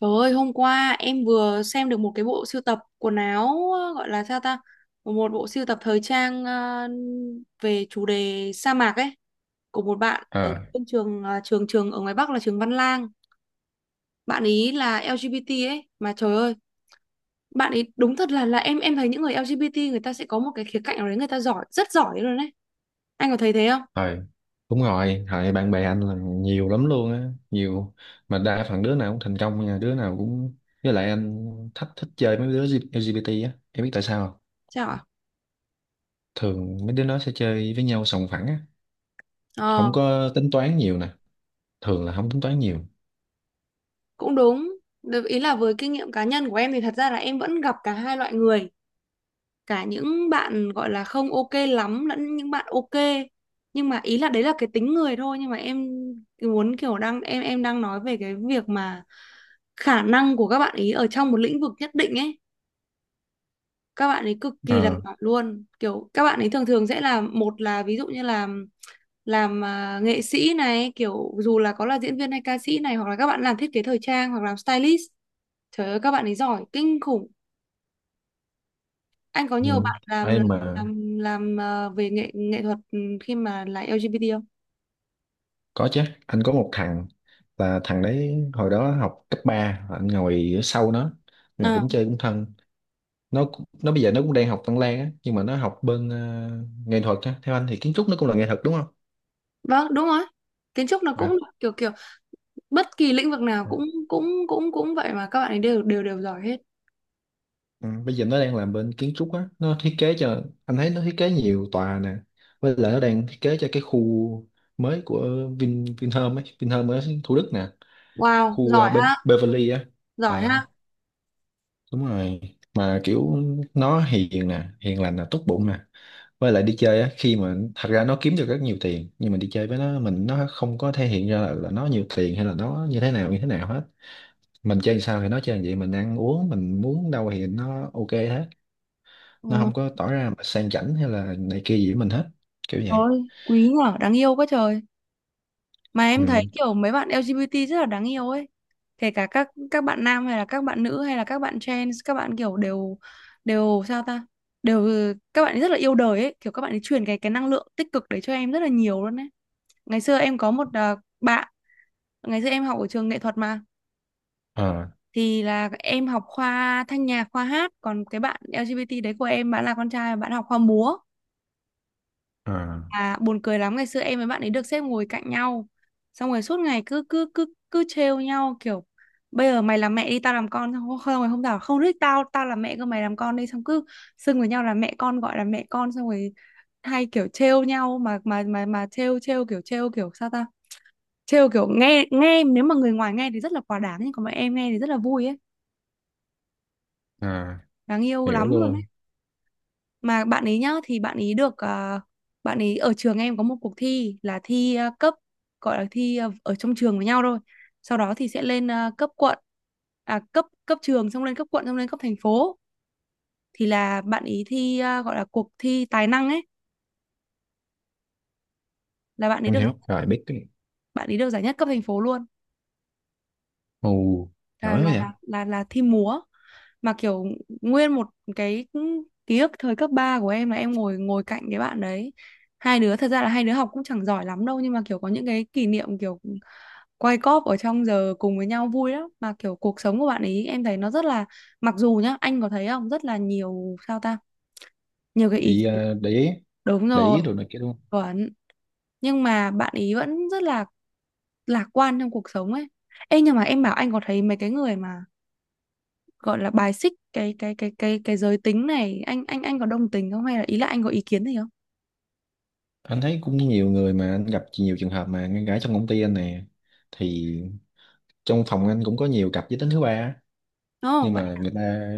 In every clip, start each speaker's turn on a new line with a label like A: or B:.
A: Trời ơi, hôm qua em vừa xem được một cái bộ sưu tập quần áo gọi là sao ta? Một bộ sưu tập thời trang về chủ đề sa mạc ấy của một bạn
B: Ờ
A: ở trên trường ờ, trường trường ở ngoài Bắc là trường Văn Lang. Bạn ý là LGBT ấy mà trời ơi, bạn ý đúng thật là em thấy những người LGBT người ta sẽ có một cái khía cạnh nào đấy người ta giỏi, rất giỏi luôn đấy. Anh có thấy thế không?
B: thôi đúng rồi, thời bạn bè anh là nhiều lắm luôn á, nhiều mà đa phần đứa nào cũng thành công nha, đứa nào cũng với lại anh thích thích chơi mấy đứa LGBT á, em biết tại sao không?
A: Sao ạ?
B: Thường mấy đứa nó sẽ chơi với nhau sòng phẳng á, không
A: Ờ,
B: có tính toán nhiều nè, thường là không tính toán nhiều.
A: cũng đúng. Được, ý là với kinh nghiệm cá nhân của em thì thật ra là em vẫn gặp cả hai loại người, cả những bạn gọi là không ok lắm lẫn những bạn ok, nhưng mà ý là đấy là cái tính người thôi. Nhưng mà em muốn kiểu đang em đang nói về cái việc mà khả năng của các bạn ý ở trong một lĩnh vực nhất định ấy, các bạn ấy cực kỳ là
B: ờ
A: giỏi luôn, kiểu các bạn ấy thường thường sẽ là một là ví dụ như là làm nghệ sĩ này, kiểu dù là có là diễn viên hay ca sĩ này, hoặc là các bạn làm thiết kế thời trang hoặc làm stylist, trời ơi các bạn ấy giỏi kinh khủng. Anh có
B: ừ.
A: nhiều bạn làm
B: Ai mà?
A: làm làm về nghệ nghệ thuật ừ, khi mà là LGBT không?
B: Có chứ, anh có một thằng, thằng đấy hồi đó học cấp 3 anh ngồi ở sau nó, mà
A: À,
B: cũng chơi cũng thân. Nó bây giờ nó cũng đang học Văn Lang á, nhưng mà nó học bên nghệ thuật á. Theo anh thì kiến trúc nó cũng là nghệ thuật đúng không?
A: vâng, đúng rồi. Kiến trúc nó
B: À,
A: cũng kiểu kiểu bất kỳ lĩnh vực nào
B: à,
A: cũng cũng vậy mà các bạn ấy đều đều đều giỏi hết.
B: ừ, Bây giờ nó đang làm bên kiến trúc á, nó thiết kế, cho anh thấy nó thiết kế nhiều tòa nè, với lại nó đang thiết kế cho cái khu mới của Vinhome ấy, Vinhome ở Thủ Đức nè,
A: Wow,
B: khu
A: giỏi
B: ờ, Be
A: ha,
B: Beverly á.
A: giỏi ha.
B: Đúng rồi, mà kiểu nó hiền nè, hiền lành nè, tốt bụng nè, với lại đi chơi á, khi mà thật ra nó kiếm được rất nhiều tiền nhưng mà đi chơi với nó, mình nó không có thể hiện ra là nó nhiều tiền hay là nó như thế nào hết. Mình chơi sao thì nó chơi vậy, mình ăn uống mình muốn đâu thì nó ok hết,
A: Ờ,
B: nó không có tỏ ra mà sang chảnh hay là này kia gì với mình hết, kiểu vậy.
A: trời quý nhở, đáng yêu quá trời. Mà em thấy
B: ừ
A: kiểu mấy bạn LGBT rất là đáng yêu ấy, kể cả các bạn nam hay là các bạn nữ hay là các bạn trans, các bạn kiểu đều đều sao ta đều các bạn ấy rất là yêu đời ấy, kiểu các bạn ấy truyền cái năng lượng tích cực đấy cho em rất là nhiều luôn ấy. Ngày xưa em có một bạn, ngày xưa em học ở trường nghệ thuật mà,
B: à
A: thì là em học khoa thanh nhạc khoa hát, còn cái bạn LGBT đấy của em bạn là con trai, bạn học khoa múa.
B: à
A: À, buồn cười lắm, ngày xưa em với bạn ấy được xếp ngồi cạnh nhau, xong rồi suốt ngày cứ cứ cứ cứ trêu nhau kiểu bây giờ mày làm mẹ đi tao làm con, xong rồi không không ngày hôm nào không thích tao tao làm mẹ cơ mày làm con đi, xong cứ xưng với nhau là mẹ con, gọi là mẹ con, xong rồi hay kiểu trêu nhau mà mà trêu trêu kiểu sao ta, trêu kiểu nghe nghe nếu mà người ngoài nghe thì rất là quá đáng, nhưng còn mà em nghe thì rất là vui ấy,
B: à
A: đáng yêu
B: Hiểu
A: lắm luôn.
B: luôn,
A: Mà bạn ấy nhá, thì bạn ấy được bạn ấy ở trường em có một cuộc thi là thi cấp, gọi là thi ở trong trường với nhau thôi, sau đó thì sẽ lên cấp quận, à cấp cấp trường xong lên cấp quận xong lên cấp thành phố, thì là bạn ấy thi gọi là cuộc thi tài năng ấy, là
B: em hiểu rồi, biết cái.
A: bạn ấy được giải nhất cấp thành phố luôn,
B: Ồ, giỏi
A: là
B: quá
A: là
B: vậy.
A: là là, là thi múa mà kiểu nguyên một cái ký ức thời cấp 3 của em là em ngồi ngồi cạnh cái bạn đấy. Hai đứa thật ra là hai đứa học cũng chẳng giỏi lắm đâu, nhưng mà kiểu có những cái kỷ niệm kiểu quay cóp ở trong giờ cùng với nhau vui lắm, mà kiểu cuộc sống của bạn ấy em thấy nó rất là mặc dù nhá anh có thấy không rất là nhiều sao ta nhiều cái ý kiến.
B: Để ý,
A: Đúng
B: để
A: rồi,
B: ý đồ này kia luôn.
A: chuẩn, nhưng mà bạn ý vẫn rất là lạc quan trong cuộc sống ấy. Ê nhưng mà em bảo anh có thấy mấy cái người mà gọi là bài xích cái cái giới tính này, anh anh có đồng tình không hay là ý là anh có ý kiến gì không?
B: Anh thấy cũng nhiều người, mà anh gặp nhiều trường hợp mà ngăn gái trong công ty anh nè, thì trong phòng anh cũng có nhiều cặp giới tính thứ ba á. Nhưng
A: Đúng vậy.
B: mà người ta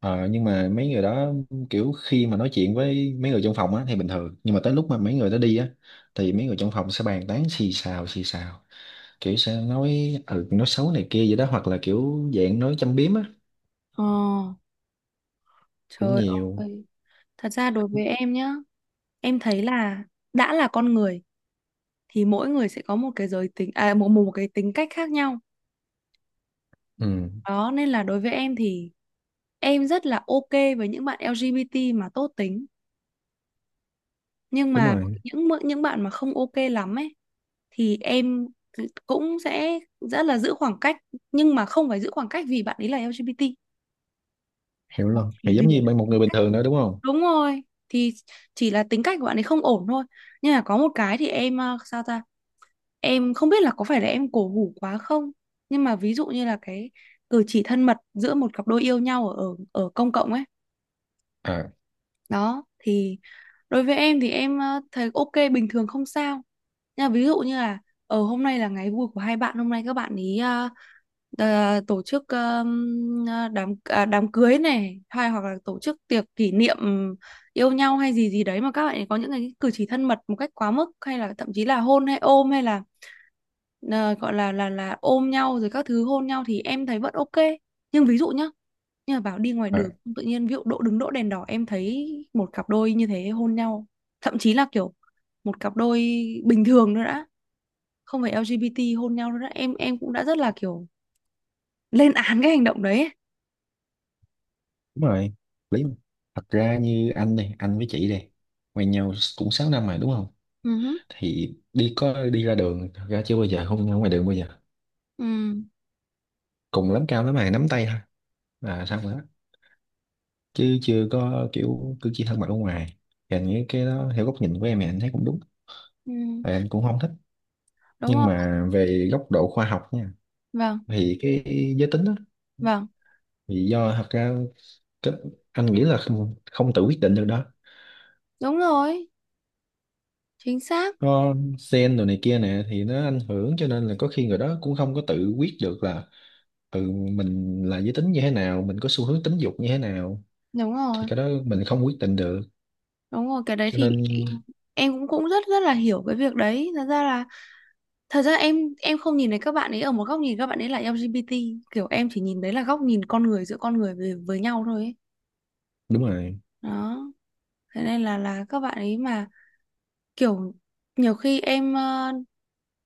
B: nhưng mà mấy người đó, kiểu khi mà nói chuyện với mấy người trong phòng á thì bình thường, nhưng mà tới lúc mà mấy người đó đi á thì mấy người trong phòng sẽ bàn tán, xì xào kiểu sẽ nói, ừ, nói xấu này kia vậy đó, hoặc là kiểu dạng nói châm biếm á,
A: Ờ,
B: cũng
A: trời
B: nhiều.
A: ơi, thật ra đối với em nhá, em thấy là đã là con người thì mỗi người sẽ có một cái giới tính à một một cái tính cách khác nhau,
B: Ừ,
A: đó nên là đối với em thì em rất là ok với những bạn LGBT mà tốt tính, nhưng
B: đúng
A: mà
B: rồi,
A: với những mỡ- những bạn mà không ok lắm ấy thì em cũng sẽ rất là giữ khoảng cách, nhưng mà không phải giữ khoảng cách vì bạn ấy là LGBT,
B: hiểu
A: học
B: luôn,
A: chỉ
B: thì
A: vì
B: giống
A: là
B: như bên một
A: tính
B: người bình
A: cách.
B: thường nữa đúng không?
A: Đúng rồi, thì chỉ là tính cách của bạn ấy không ổn thôi. Nhưng mà có một cái thì em sao ta, em không biết là có phải là em cổ hủ quá không, nhưng mà ví dụ như là cái cử chỉ thân mật giữa một cặp đôi yêu nhau ở ở công cộng ấy,
B: à
A: đó thì đối với em thì em thấy ok bình thường không sao. Thế là ví dụ như là ở hôm nay là ngày vui của hai bạn, hôm nay các bạn ý tổ chức ờ, đám đám cưới này hay hoặc là tổ chức tiệc kỷ niệm yêu nhau hay gì gì đấy, mà các bạn ấy có những cái cử chỉ thân mật một cách quá mức, hay là thậm chí là hôn hay ôm hay là ờ, gọi là là ôm nhau rồi các thứ hôn nhau thì em thấy vẫn ok. Nhưng ví dụ nhá, như là bảo đi ngoài
B: à,
A: đường tự nhiên ví dụ đỗ đứng đỗ đèn đỏ em thấy một cặp đôi như thế hôn nhau, thậm chí là kiểu một cặp đôi bình thường nữa đã không phải LGBT hôn nhau đâu, đó em cũng đã rất là kiểu lên án cái hành động đấy ấy.
B: Đúng rồi, lý mà. Thật ra như anh đây, anh với chị đây quen nhau cũng 6 năm mà đúng không?
A: Ừ,
B: Thì đi ra đường thật ra chưa bao giờ, không ra ngoài đường bao giờ,
A: ừ,
B: cùng lắm cao lắm mày nắm tay thôi là xong rồi đó, chứ chưa có kiểu cử chỉ thân mật ở ngoài. Thì anh nghĩ cái đó theo góc nhìn của em thì anh thấy cũng đúng.
A: ừ,
B: Tại anh cũng không thích.
A: đúng
B: Nhưng
A: rồi,
B: mà về góc độ khoa học nha,
A: vâng,
B: thì cái giới tính đó
A: vâng,
B: thì do thật ra cái, anh nghĩ là không tự quyết định được đó.
A: đúng rồi, chính xác,
B: Có sen đồ này kia nè thì nó ảnh hưởng, cho nên là có khi người đó cũng không có tự quyết được là, ừ, mình là giới tính như thế nào, mình có xu hướng tính dục như thế nào,
A: đúng rồi.
B: thì cái đó mình không quyết định được,
A: Đúng rồi cái đấy
B: cho
A: thì
B: nên
A: em cũng cũng rất rất là hiểu cái việc đấy, thật ra là thật ra em không nhìn thấy các bạn ấy ở một góc nhìn các bạn ấy là LGBT, kiểu em chỉ nhìn đấy là góc nhìn con người giữa con người với nhau thôi ấy.
B: đúng rồi.
A: Đó thế nên là các bạn ấy mà kiểu nhiều khi em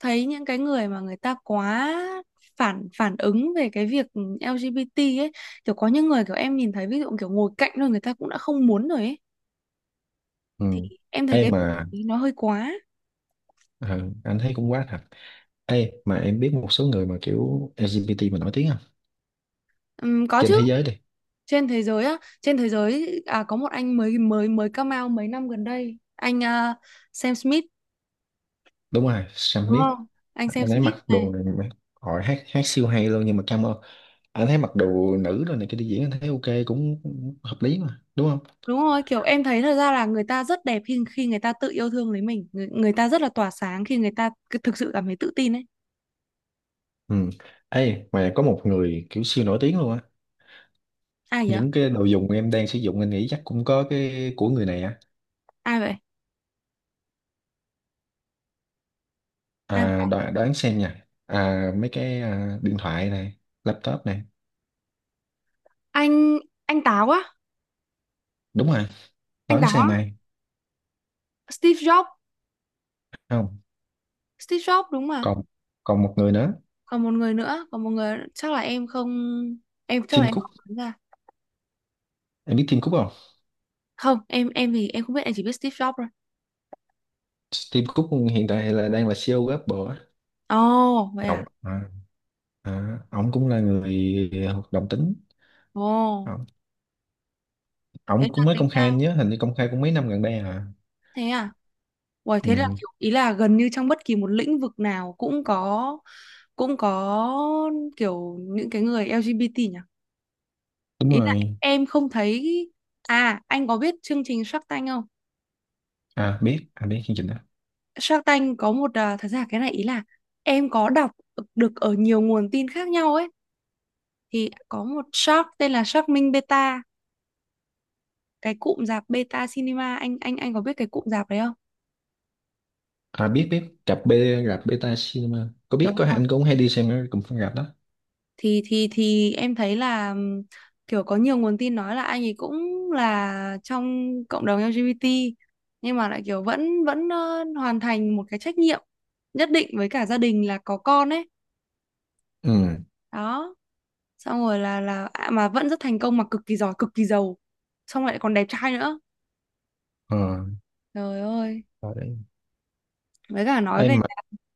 A: thấy những cái người mà người ta quá phản phản ứng về cái việc LGBT ấy, kiểu có những người kiểu em nhìn thấy ví dụ kiểu ngồi cạnh rồi người ta cũng đã không muốn rồi ấy, thì
B: ừ.
A: em thấy
B: Ê
A: cái
B: mà
A: việc nó hơi quá.
B: ờ, anh thấy cũng quá thật. Ê mà em biết một số người mà kiểu LGBT mà nổi tiếng không,
A: Có
B: trên
A: chứ,
B: thế giới đi?
A: trên thế giới á, trên thế giới à, có một anh mới mới mới come out mấy năm gần đây, anh Sam Smith
B: Đúng rồi, Sam
A: đúng
B: Smith.
A: không, anh Sam
B: Anh ấy
A: Smith
B: mặc
A: này.
B: đồ này mà hỏi hát hát siêu hay luôn, nhưng mà cam ơn anh thấy mặc đồ nữ rồi này, cái đi diễn anh thấy ok cũng hợp lý mà đúng không?
A: Đúng rồi, kiểu em thấy thật ra là người ta rất đẹp khi khi người ta tự yêu thương lấy mình, người, người ta rất là tỏa sáng khi người ta thực sự cảm thấy tự tin ấy.
B: Ừ. Ê, mà có một người kiểu siêu nổi tiếng luôn á.
A: Ai vậy?
B: Những cái đồ dùng em đang sử dụng anh nghĩ chắc cũng có cái của người này á.
A: Ai vậy? Ai
B: À, đoán xem nha. À, mấy cái điện thoại này, laptop này.
A: anh? Anh táo á?
B: Đúng rồi,
A: Anh
B: đoán
A: táo á?
B: xem ai.
A: Steve Jobs.
B: Không,
A: Steve Jobs đúng mà.
B: còn còn một người nữa,
A: Còn một người nữa, còn một người chắc là em không, em chắc là
B: Tim
A: em
B: Cook.
A: không nhớ ra.
B: Em biết Tim Cook không?
A: Không em thì em không biết, em chỉ biết Steve Jobs thôi.
B: Tim Cook hiện tại là đang là CEO của Apple á.
A: Ồ vậy
B: Ông,
A: à?
B: ông cũng là người hoạt động tính.
A: Ồ,
B: Ông,
A: thế
B: ông
A: là
B: cũng mới
A: tính
B: công khai,
A: ra,
B: anh nhớ hình như công khai cũng mấy năm gần đây à.
A: thế à? Uầy, thế là
B: Ừ,
A: kiểu ý là gần như trong bất kỳ một lĩnh vực nào cũng có, cũng có kiểu những cái người LGBT nhỉ.
B: đúng
A: Ý là
B: rồi.
A: em không thấy, à anh có biết chương trình Shark Tank không?
B: À, biết, biết chương trình đó.
A: Shark Tank có một thật ra cái này ý là em có đọc được ở nhiều nguồn tin khác nhau ấy, thì có một shark tên là Shark Minh Beta, cái cụm rạp Beta Cinema, anh anh có biết cái cụm rạp đấy không?
B: À, biết, rạp Beta Cinema, có biết,
A: Đúng
B: có,
A: không?
B: anh cũng hay đi xem ở cùng phân rạp đó.
A: Thì em thấy là kiểu có nhiều nguồn tin nói là anh ấy cũng là trong cộng đồng LGBT, nhưng mà lại kiểu vẫn vẫn hoàn thành một cái trách nhiệm nhất định với cả gia đình là có con ấy,
B: ừ
A: đó xong rồi là mà vẫn rất thành công mà cực kỳ giỏi cực kỳ giàu, xong lại còn đẹp trai nữa.
B: ờ
A: Trời ơi,
B: Rồi đấy.
A: với cả nói
B: Ê,
A: về
B: mà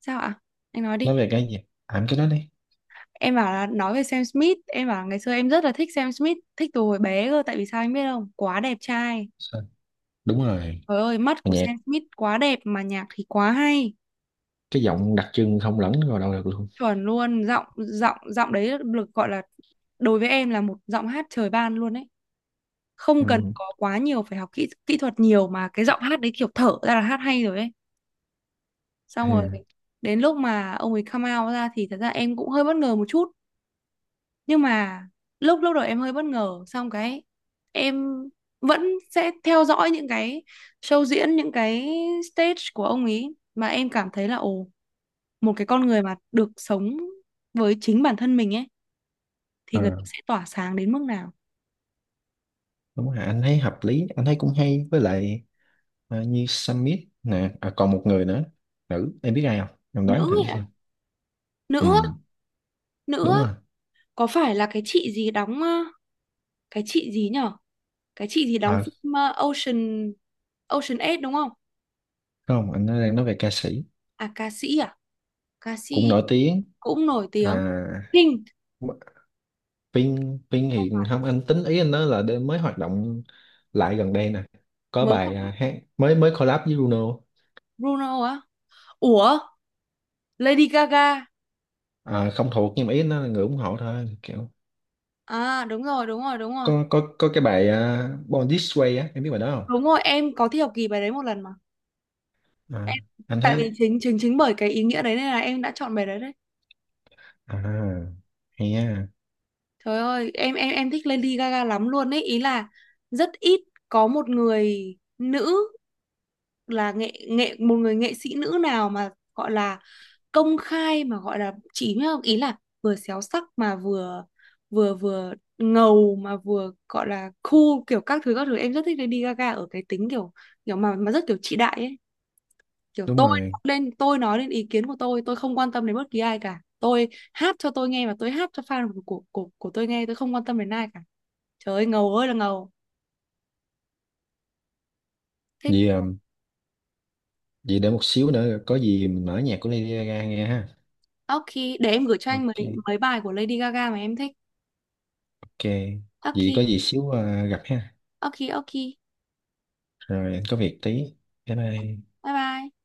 A: sao ạ, anh nói
B: nói
A: đi.
B: về cái gì, à cái đó đi.
A: Em bảo là nói về Sam Smith, em bảo là ngày xưa em rất là thích Sam Smith, thích từ hồi bé cơ, tại vì sao anh biết không, quá đẹp trai,
B: Sao? Đúng rồi,
A: trời ơi mắt
B: mà
A: của
B: nhạc,
A: Sam Smith quá đẹp mà nhạc thì quá hay,
B: cái giọng đặc trưng không lẫn vào đâu được luôn.
A: chuẩn luôn, giọng giọng giọng đấy được gọi là đối với em là một giọng hát trời ban luôn ấy, không
B: ừ
A: cần có quá nhiều phải học kỹ kỹ thuật nhiều mà cái giọng hát đấy kiểu thở ra là hát hay rồi ấy, xong rồi
B: ừ
A: đến lúc mà ông ấy come out ra thì thật ra em cũng hơi bất ngờ một chút. Nhưng mà lúc lúc đầu em hơi bất ngờ xong cái em vẫn sẽ theo dõi những cái show diễn những cái stage của ông ấy mà em cảm thấy là ồ, một cái con người mà được sống với chính bản thân mình ấy thì người ta
B: ờ
A: sẽ tỏa sáng đến mức nào.
B: Đúng rồi, anh thấy hợp lý, anh thấy cũng hay. Với lại như Sam Smith nè, còn một người nữa, nữ, em biết ai không, em
A: Nữ
B: đoán thử
A: ấy ạ?
B: xem. ừ
A: Nữ á, nữ
B: Đúng
A: á.
B: rồi.
A: Có phải là cái chị gì đóng cái chị gì nhở, cái chị gì đóng
B: à
A: phim Ocean, Ocean 8 đúng không?
B: Không, anh đang nói về ca sĩ,
A: À ca sĩ à? Ca sĩ
B: cũng nổi tiếng.
A: cũng nổi tiếng.
B: à
A: Pink?
B: Pin, Pin thì không, anh tính ý anh nói là đêm mới hoạt động lại gần đây nè, có
A: Mới
B: bài
A: gặp
B: hát mới, mới collab với Bruno.
A: Bruno á. Ủa, Lady Gaga.
B: À, không thuộc, nhưng mà ý anh nói là người ủng hộ thôi, kiểu
A: À đúng rồi, đúng rồi, đúng rồi.
B: có cái bài Born This Way á, em biết bài đó không?
A: Đúng rồi, em có thi học kỳ bài đấy một lần mà.
B: à,
A: Em
B: anh
A: tại vì
B: thấy
A: chính chính chính bởi cái ý nghĩa đấy nên là em đã chọn bài đấy đấy.
B: à hay ha.
A: Trời ơi, em thích Lady Gaga lắm luôn ấy, ý là rất ít có một người nữ là nghệ nghệ một người nghệ sĩ nữ nào mà gọi là công khai mà gọi là chỉ nhá, ý là vừa xéo sắc mà vừa vừa vừa ngầu mà vừa gọi là cool kiểu các thứ em rất thích Lady Gaga ở cái tính kiểu kiểu mà rất kiểu chị đại ấy, kiểu
B: Đúng
A: tôi
B: rồi,
A: lên tôi nói lên ý kiến của tôi không quan tâm đến bất kỳ ai cả, tôi hát cho tôi nghe và tôi hát cho fan của của tôi nghe, tôi không quan tâm đến ai cả, trời ơi ngầu ơi là ngầu, thích.
B: vì vì để một xíu nữa có gì mình mở nhạc của Lady Gaga nghe ha.
A: Ok, để em gửi cho anh mấy
B: Ok,
A: mấy bài của Lady Gaga mà em thích.
B: ok.
A: Ok,
B: Vì có gì xíu gặp ha.
A: ok, ok,
B: Rồi, anh có việc tí, bye bye.
A: bye bye.